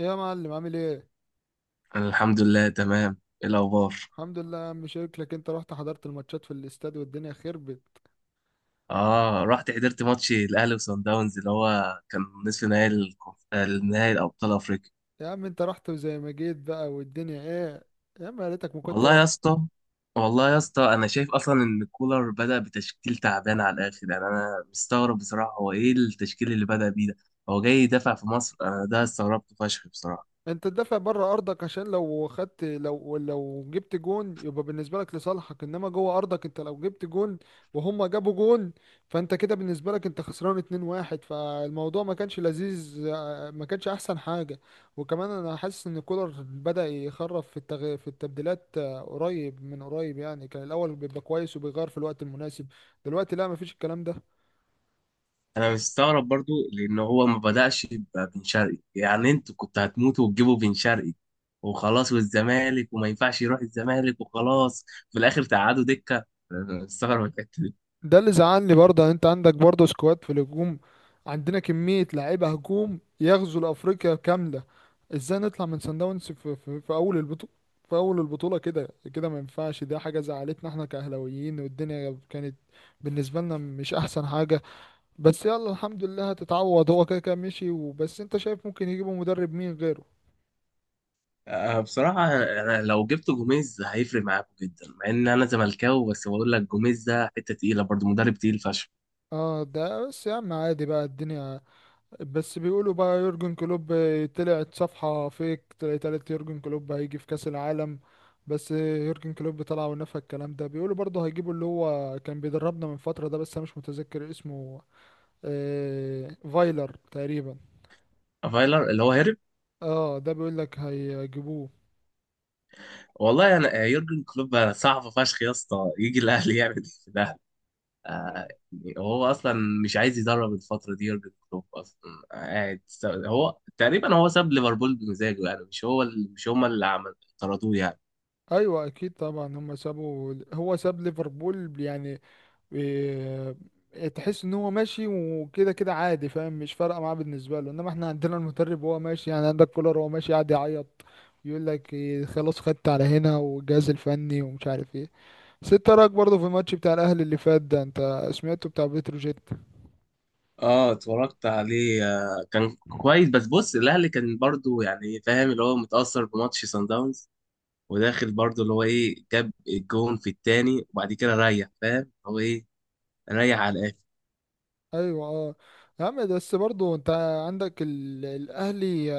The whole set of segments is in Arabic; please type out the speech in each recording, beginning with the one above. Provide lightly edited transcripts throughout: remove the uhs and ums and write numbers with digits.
إيه يا معلم عامل ايه؟ أنا الحمد لله تمام. ايه الاخبار؟ الحمد لله يا عم، شكلك انت رحت حضرت الماتشات في الاستاد والدنيا خربت. اه، رحت حضرت ماتش الاهلي وصن داونز اللي هو كان نصف نهائي النهائي الابطال افريقيا. يا عم انت رحت وزي ما جيت بقى والدنيا ايه. يا عم يا ريتك ما كنت. والله يا اسطى والله يا اسطى، انا شايف اصلا ان كولر بدأ بتشكيل تعبان على الاخر، يعني انا مستغرب بصراحة، هو ايه التشكيل اللي بدأ بيه ده؟ هو جاي يدافع في مصر، انا ده استغربت فشخ بصراحة. انت تدافع بره ارضك عشان لو خدت، لو جبت جون يبقى بالنسبه لك لصالحك، انما جوه ارضك انت لو جبت جون وهم جابوا جون فانت كده بالنسبه لك انت خسران 2-1. فالموضوع ما كانش لذيذ، ما كانش احسن حاجه. وكمان انا حاسس ان كولر بدأ يخرف في في التبديلات، قريب من قريب يعني، كان الاول بيبقى كويس وبيغير في الوقت المناسب. دلوقتي لا، مفيش الكلام ده. انا مستغرب برضو لان هو ما بدأش ببن شرقي، يعني انتوا كنتوا هتموتوا وتجيبوا بن شرقي وخلاص، والزمالك وما ينفعش يروح الزمالك وخلاص في الاخر تقعدوا دكة. أنا مستغرب الحتة دي. ده اللي زعلني برضه، يعني انت عندك برضه سكواد في الهجوم. عندنا كمية لعيبة هجوم يغزو لأفريقيا كاملة. ازاي نطلع من سان داونز في أول البطولة، في أول البطولة كده. كده ما ينفعش، ده حاجة زعلتنا احنا كأهلاويين، والدنيا كانت بالنسبة لنا مش أحسن حاجة. بس يلا الحمد لله، هتتعوض. هو كده كده مشي وبس. انت شايف ممكن يجيبوا مدرب مين غيره؟ أه، بصراحة أنا لو جبت جوميز هيفرق معاكم جدا، مع إن أنا زملكاوي بس بقول لك جوميز ده حتة تقيلة برضه، مدرب تقيل فشخ. اه ده بس يا عم، عادي بقى الدنيا. بس بيقولوا بقى يورجن كلوب، طلعت صفحة فيك طلعت يورجن كلوب هيجي في كأس العالم. بس يورجن كلوب طلع ونفى الكلام ده. بيقولوا برضه هيجيبوا اللي هو كان بيدربنا من فترة ده، بس أنا مش متذكر اسمه. آه فايلر تقريبا. فايلر اللي هو هرب؟ اه ده بيقول لك هيجيبوه. والله أنا، يورجن كلوب صعب فشخ يا اسطى، يجي الأهلي يعمل إيه في الأهلي؟ آه، مم. هو اصلا مش عايز يدرب الفتره دي يورجن كلوب اصلا. قاعد، هو تقريبا هو ساب ليفربول بمزاجه، يعني مش هما اللي عمل طردوه يعني. ايوه اكيد طبعا، هم سابوا، هو ساب ليفربول يعني. إيه، تحس ان هو ماشي وكده كده عادي، فاهم؟ مش فارقه معاه بالنسبه له، انما احنا عندنا المدرب وهو ماشي، يعني عندك كولر وهو ماشي قاعد يعيط يقول لك إيه، خلاص خدت على هنا والجهاز الفني ومش عارف ايه. بس انت رايك برضه في الماتش بتاع الاهلي اللي فات ده، انت سمعته بتاع بتروجيت؟ اه، اتفرجت عليه. كان كويس بس بص الاهلي كان برضو، يعني فاهم اللي هو متاثر بماتش سان داونز، وداخل برضو اللي هو ايه جاب الجون في التاني، وبعد كده ريح فاهم هو ايه، ريح على الاخر. ايوه اه. يا عم بس برضو انت عندك الاهلي،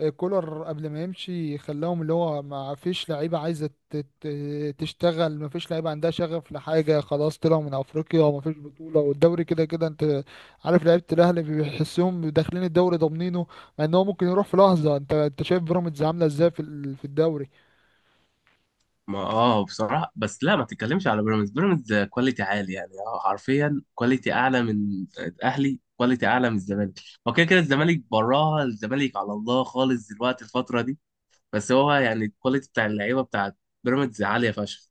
آه، كولر قبل ما يمشي خلاهم اللي هو ما فيش لعيبه عايزه تشتغل، ما فيش لعيبه عندها شغف لحاجه، خلاص طلعوا من افريقيا وما فيش بطوله، والدوري كده كده انت عارف، لعيبه الاهلي بيحسهم داخلين الدوري ضامنينه، مع ان هو ممكن يروح في لحظه. انت شايف بيراميدز عامله ازاي في في الدوري؟ ما بصراحة بس لا، ما تتكلمش على بيراميدز. بيراميدز كواليتي عالي يعني، حرفيا كواليتي اعلى من الاهلي، كواليتي اعلى من الزمالك. هو كده كده الزمالك براها، الزمالك على الله خالص دلوقتي الفترة دي. بس هو يعني الكواليتي بتاع اللعيبة بتاعت بيراميدز عالية فشخ.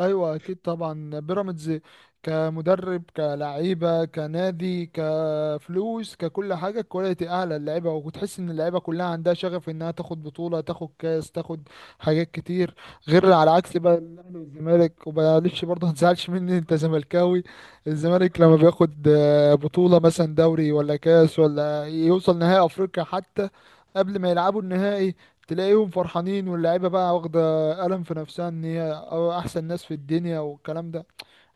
ايوه اكيد طبعا بيراميدز كمدرب كلعيبه كنادي كفلوس ككل حاجه كواليتي اعلى، اللعيبه وتحس ان اللعيبه كلها عندها شغف انها تاخد بطوله، تاخد كاس، تاخد حاجات كتير، غير على عكس بقى الاهلي والزمالك. ومعلش برضه ما تزعلش مني، انت زملكاوي. الزمالك لما بياخد، آه، بطوله مثلا دوري ولا كاس ولا يوصل نهائي افريقيا حتى، قبل ما يلعبوا النهائي تلاقيهم فرحانين، واللعيبه بقى واخده قلم في نفسها ان هي أو احسن ناس في الدنيا والكلام ده.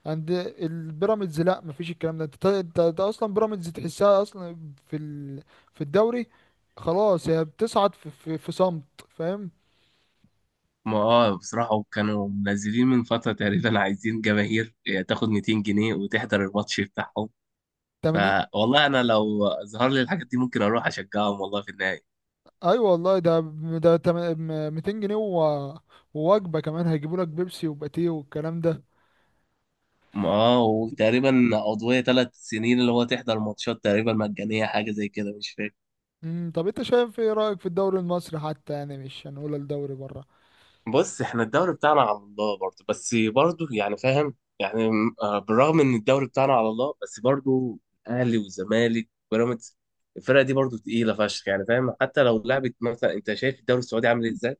عند البيراميدز لا مفيش الكلام ده. انت أنت اصلا بيراميدز تحسها اصلا في في الدوري، خلاص هي بتصعد في في صمت، فاهم؟ ما بصراحة كانوا منزلين من فترة تقريبا، عايزين جماهير تاخد 200 جنيه وتحضر الماتش بتاعهم. 80. فوالله انا لو ظهر لي الحاجات دي ممكن اروح اشجعهم والله في النهاية. ايوه والله ده، ده تم- 200 جنيه و... ووجبه كمان هيجيبوا لك بيبسي وباتيه والكلام ده. اه، وتقريبا عضوية 3 سنين اللي هو تحضر ماتشات تقريبا مجانية، حاجة زي كده مش فاكر. امم، طب انت شايف ايه رايك في الدوري المصري حتى، يعني مش هنقول الدوري بره؟ بص احنا الدوري بتاعنا على الله برضه، بس برضه يعني فاهم يعني، بالرغم ان الدوري بتاعنا على الله بس برضه الاهلي والزمالك وبيراميدز الفرقة دي برضه تقيلة فشخ، يعني فاهم حتى لو لعبت مثلا. انت شايف الدوري السعودي عامل ازاي؟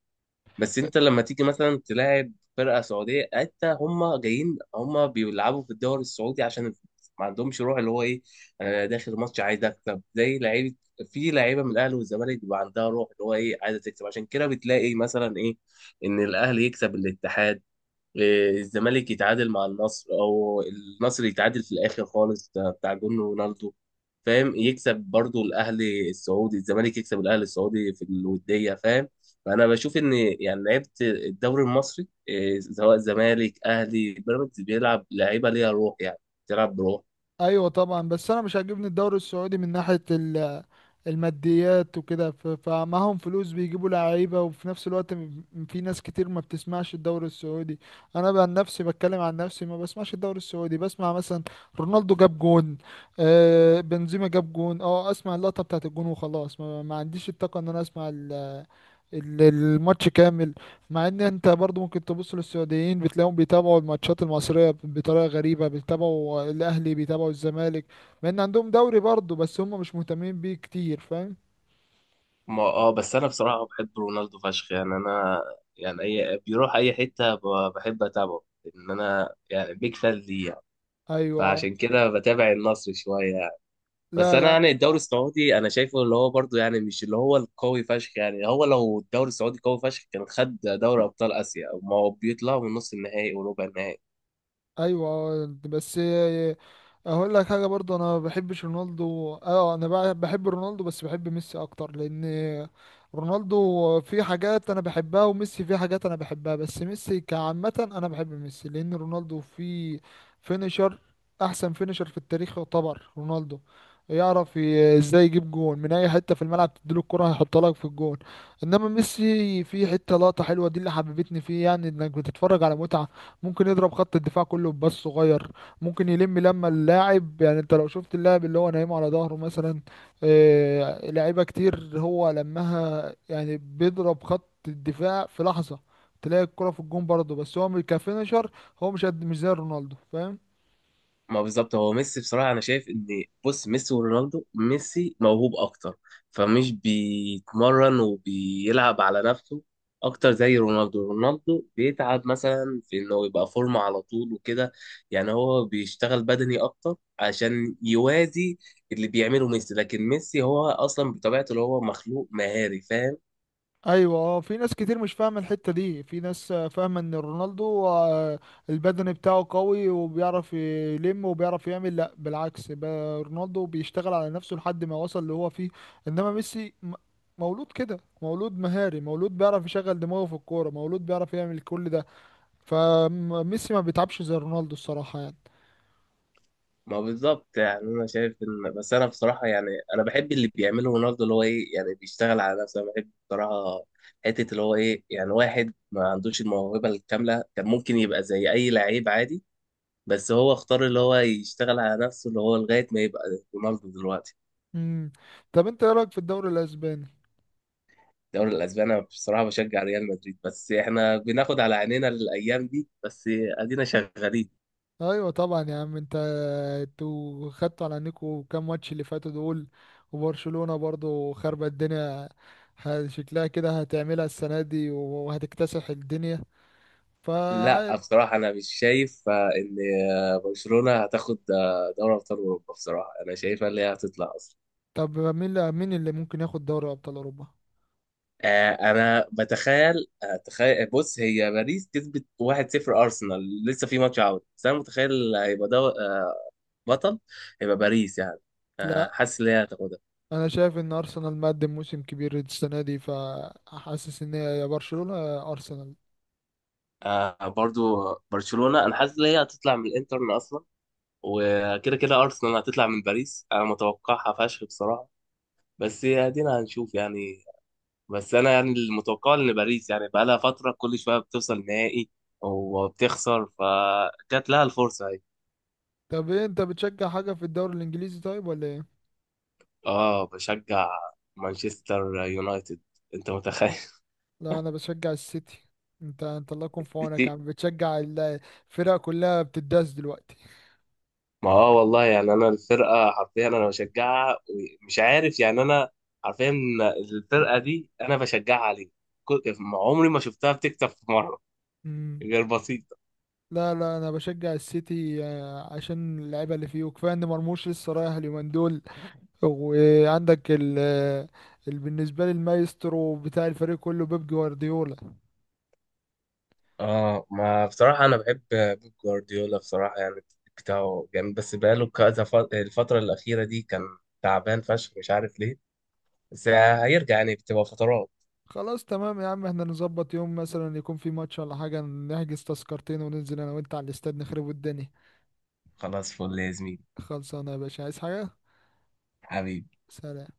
بس انت لما تيجي مثلا تلاعب فرقه سعوديه، حتى هم جايين هم بيلعبوا في الدوري السعودي عشان الفلوس، ما عندهمش روح اللي هو ايه. انا داخل ماتش عايز اكسب. زي لعيبه، في لعيبه من الاهلي والزمالك بيبقى عندها روح اللي هو ايه، عايزه تكسب. عشان كده بتلاقي مثلا ايه، ان الاهلي يكسب الاتحاد، الزمالك يتعادل مع النصر، او النصر يتعادل في الاخر خالص ده بتاع جون رونالدو فاهم، يكسب برضو الاهلي السعودي، الزمالك يكسب الاهلي السعودي في الوديه فاهم. فانا بشوف ان يعني لعيبه الدوري المصري، سواء زمالك اهلي بيراميدز، بيلعب لعيبه ليها روح يعني، بتلعب بروح. ايوه طبعا. بس انا مش عاجبني الدوري السعودي من ناحيه الماديات وكده، فمعاهم فلوس بيجيبوا لعيبه، وفي نفس الوقت في ناس كتير ما بتسمعش الدوري السعودي. انا بقى عن نفسي بتكلم، عن نفسي ما بسمعش الدوري السعودي، بسمع مثلا رونالدو جاب جون، آه بنزيما جاب جون، اه اسمع اللقطه بتاعت الجون وخلاص، ما عنديش الطاقه ان انا اسمع الماتش كامل. مع ان انت برضو ممكن تبص للسعوديين بتلاقيهم بيتابعوا الماتشات المصرية بطريقة غريبة، بيتابعوا الاهلي بيتابعوا الزمالك، مع ان عندهم دوري برضو بس هم مش مهتمين بيه كتير، فاهم؟ ما بس انا بصراحه بحب رونالدو فشخ، يعني انا يعني اي بيروح اي حته بحب اتابعه، ان انا يعني بيك فان ليه يعني. ايوه آه. فعشان كده بتابع النصر شويه. بس لا انا لا. يعني الدوري السعودي انا شايفه اللي هو برضو يعني مش اللي هو القوي فشخ يعني، هو لو الدوري السعودي قوي فشخ كان خد دوري ابطال اسيا، ما هو بيطلعوا من نص النهائي وربع النهائي. ايوه بس هقول لك حاجه برضه، انا ما بحبش رونالدو، اه انا بحب رونالدو بس بحب ميسي اكتر، لان رونالدو في حاجات انا بحبها، وميسي في حاجات انا بحبها، بس ميسي كعامه انا بحب ميسي، لان رونالدو في فينيشر، احسن فينيشر في التاريخ يعتبر رونالدو، يعرف ازاي يجيب جون من اي حته في الملعب، تديله الكره هيحطها لك في الجون. انما ميسي في حته لقطه حلوه دي اللي حببتني فيه، يعني انك بتتفرج على متعه، ممكن يضرب خط الدفاع كله بباص صغير، ممكن يلم لما اللاعب، يعني انت لو شفت اللاعب اللي هو نايمه على ظهره مثلا، آه، لعيبه كتير هو لمها، يعني بيضرب خط الدفاع في لحظه تلاقي الكرة في الجون برضه، بس هو كفينشر هو مش قد، مش زي رونالدو، فاهم؟ ما بالظبط، هو ميسي بصراحة أنا شايف إن، بص ميسي ورونالدو، ميسي موهوب أكتر، فمش بيتمرن وبيلعب على نفسه أكتر زي رونالدو. رونالدو بيتعب مثلا في إنه يبقى فورمة على طول وكده، يعني هو بيشتغل بدني أكتر عشان يوازي اللي بيعمله ميسي. لكن ميسي هو أصلا بطبيعته اللي هو مخلوق مهاري فاهم. ايوه اه. في ناس كتير مش فاهمه الحته دي، في ناس آه، فاهمه ان رونالدو آه، البدني بتاعه قوي وبيعرف يلم وبيعرف يعمل. لا بالعكس، رونالدو بيشتغل على نفسه لحد ما وصل اللي هو فيه، انما ميسي مولود كده، مولود مهاري، مولود بيعرف يشغل دماغه في الكوره، مولود بيعرف يعمل كل ده، فميسي ما بيتعبش زي رونالدو الصراحه يعني. ما بالظبط، يعني انا شايف ان، بس انا بصراحه يعني، انا بحب اللي بيعمله رونالدو اللي هو ايه، يعني بيشتغل على نفسه. انا بحب بصراحه حته اللي هو ايه، يعني واحد ما عندوش الموهبه الكامله كان ممكن يبقى زي اي لعيب عادي، بس هو اختار اللي هو يشتغل على نفسه اللي هو لغايه ما يبقى رونالدو دلوقتي. امم، طب انت ايه رايك في الدوري الاسباني؟ الدوري الاسباني انا بصراحه بشجع ريال مدريد، بس احنا بناخد على عينينا الايام دي، بس ادينا شغالين. ايوه طبعا يا عم. انت انتوا خدتوا على عينيكوا كام ماتش اللي فاتوا دول، وبرشلونة برضو خربت الدنيا، شكلها كده هتعملها السنة دي وهتكتسح الدنيا، ف... لا، بصراحة أنا مش شايف إن برشلونة هتاخد دوري أبطال أوروبا بصراحة. أنا شايفها اللي هي هتطلع أصلا. طب مين اللي ممكن ياخد دوري ابطال اوروبا؟ أنا أتخيل، بص هي باريس كسبت 1-0 أرسنال لسه في ماتش عودة، بس أنا متخيل هيبقى ده بطل، هيبقى باريس يعني، لا حاسس إن هي هتاخدها. انا شايف ان ارسنال مقدم موسم كبير السنة دي، فحاسس ان هي يا برشلونة يا ارسنال. برضو برشلونة أنا حاسس إن هي هتطلع من الإنتر أصلا. وكده كده أرسنال هتطلع من باريس أنا متوقعها فشخ بصراحة. بس ادينا هنشوف يعني. بس انا يعني المتوقع ان باريس يعني بقى لها فتره كل شويه بتوصل نهائي وبتخسر، فجات لها الفرصه اهي. طب ايه، انت بتشجع حاجة في الدوري الانجليزي طيب ولا ايه؟ اه، بشجع مانشستر يونايتد. انت متخيل؟ لا انا بشجع السيتي. انت الله يكون في عونك يا سيتي. عم، بتشجع الفرق كلها بتداس دلوقتي. ما والله يعني انا الفرقه حرفيا انا بشجعها، مش عارف يعني انا حرفيا الفرقه دي انا بشجعها ليه. كل- عمري ما شفتها بتكسب في مره، مم. غير بسيط. لا انا بشجع السيتي، آه، عشان اللعيبه اللي فيه، وكفايه ان مرموش لسه رايح اليومين دول. وعندك ال آه، بالنسبه لي المايسترو بتاع الفريق كله بيب جوارديولا. اه، ما بصراحة أنا بحب بيب جوارديولا بصراحة، يعني التكتيك بتاعه جامد، بس بقاله كذا الفترة الأخيرة دي كان تعبان فشخ مش عارف ليه. بس هيرجع يعني بتبقى فترات. خلاص تمام يا عم، احنا نظبط يوم مثلا يكون في ماتش ولا حاجه، نحجز تذكرتين وننزل انا وانت على الاستاد نخرب الدنيا. خلاص، فل يا زميلي. خلصانه يا باشا، عايز حاجه؟ حبيبي. سلام.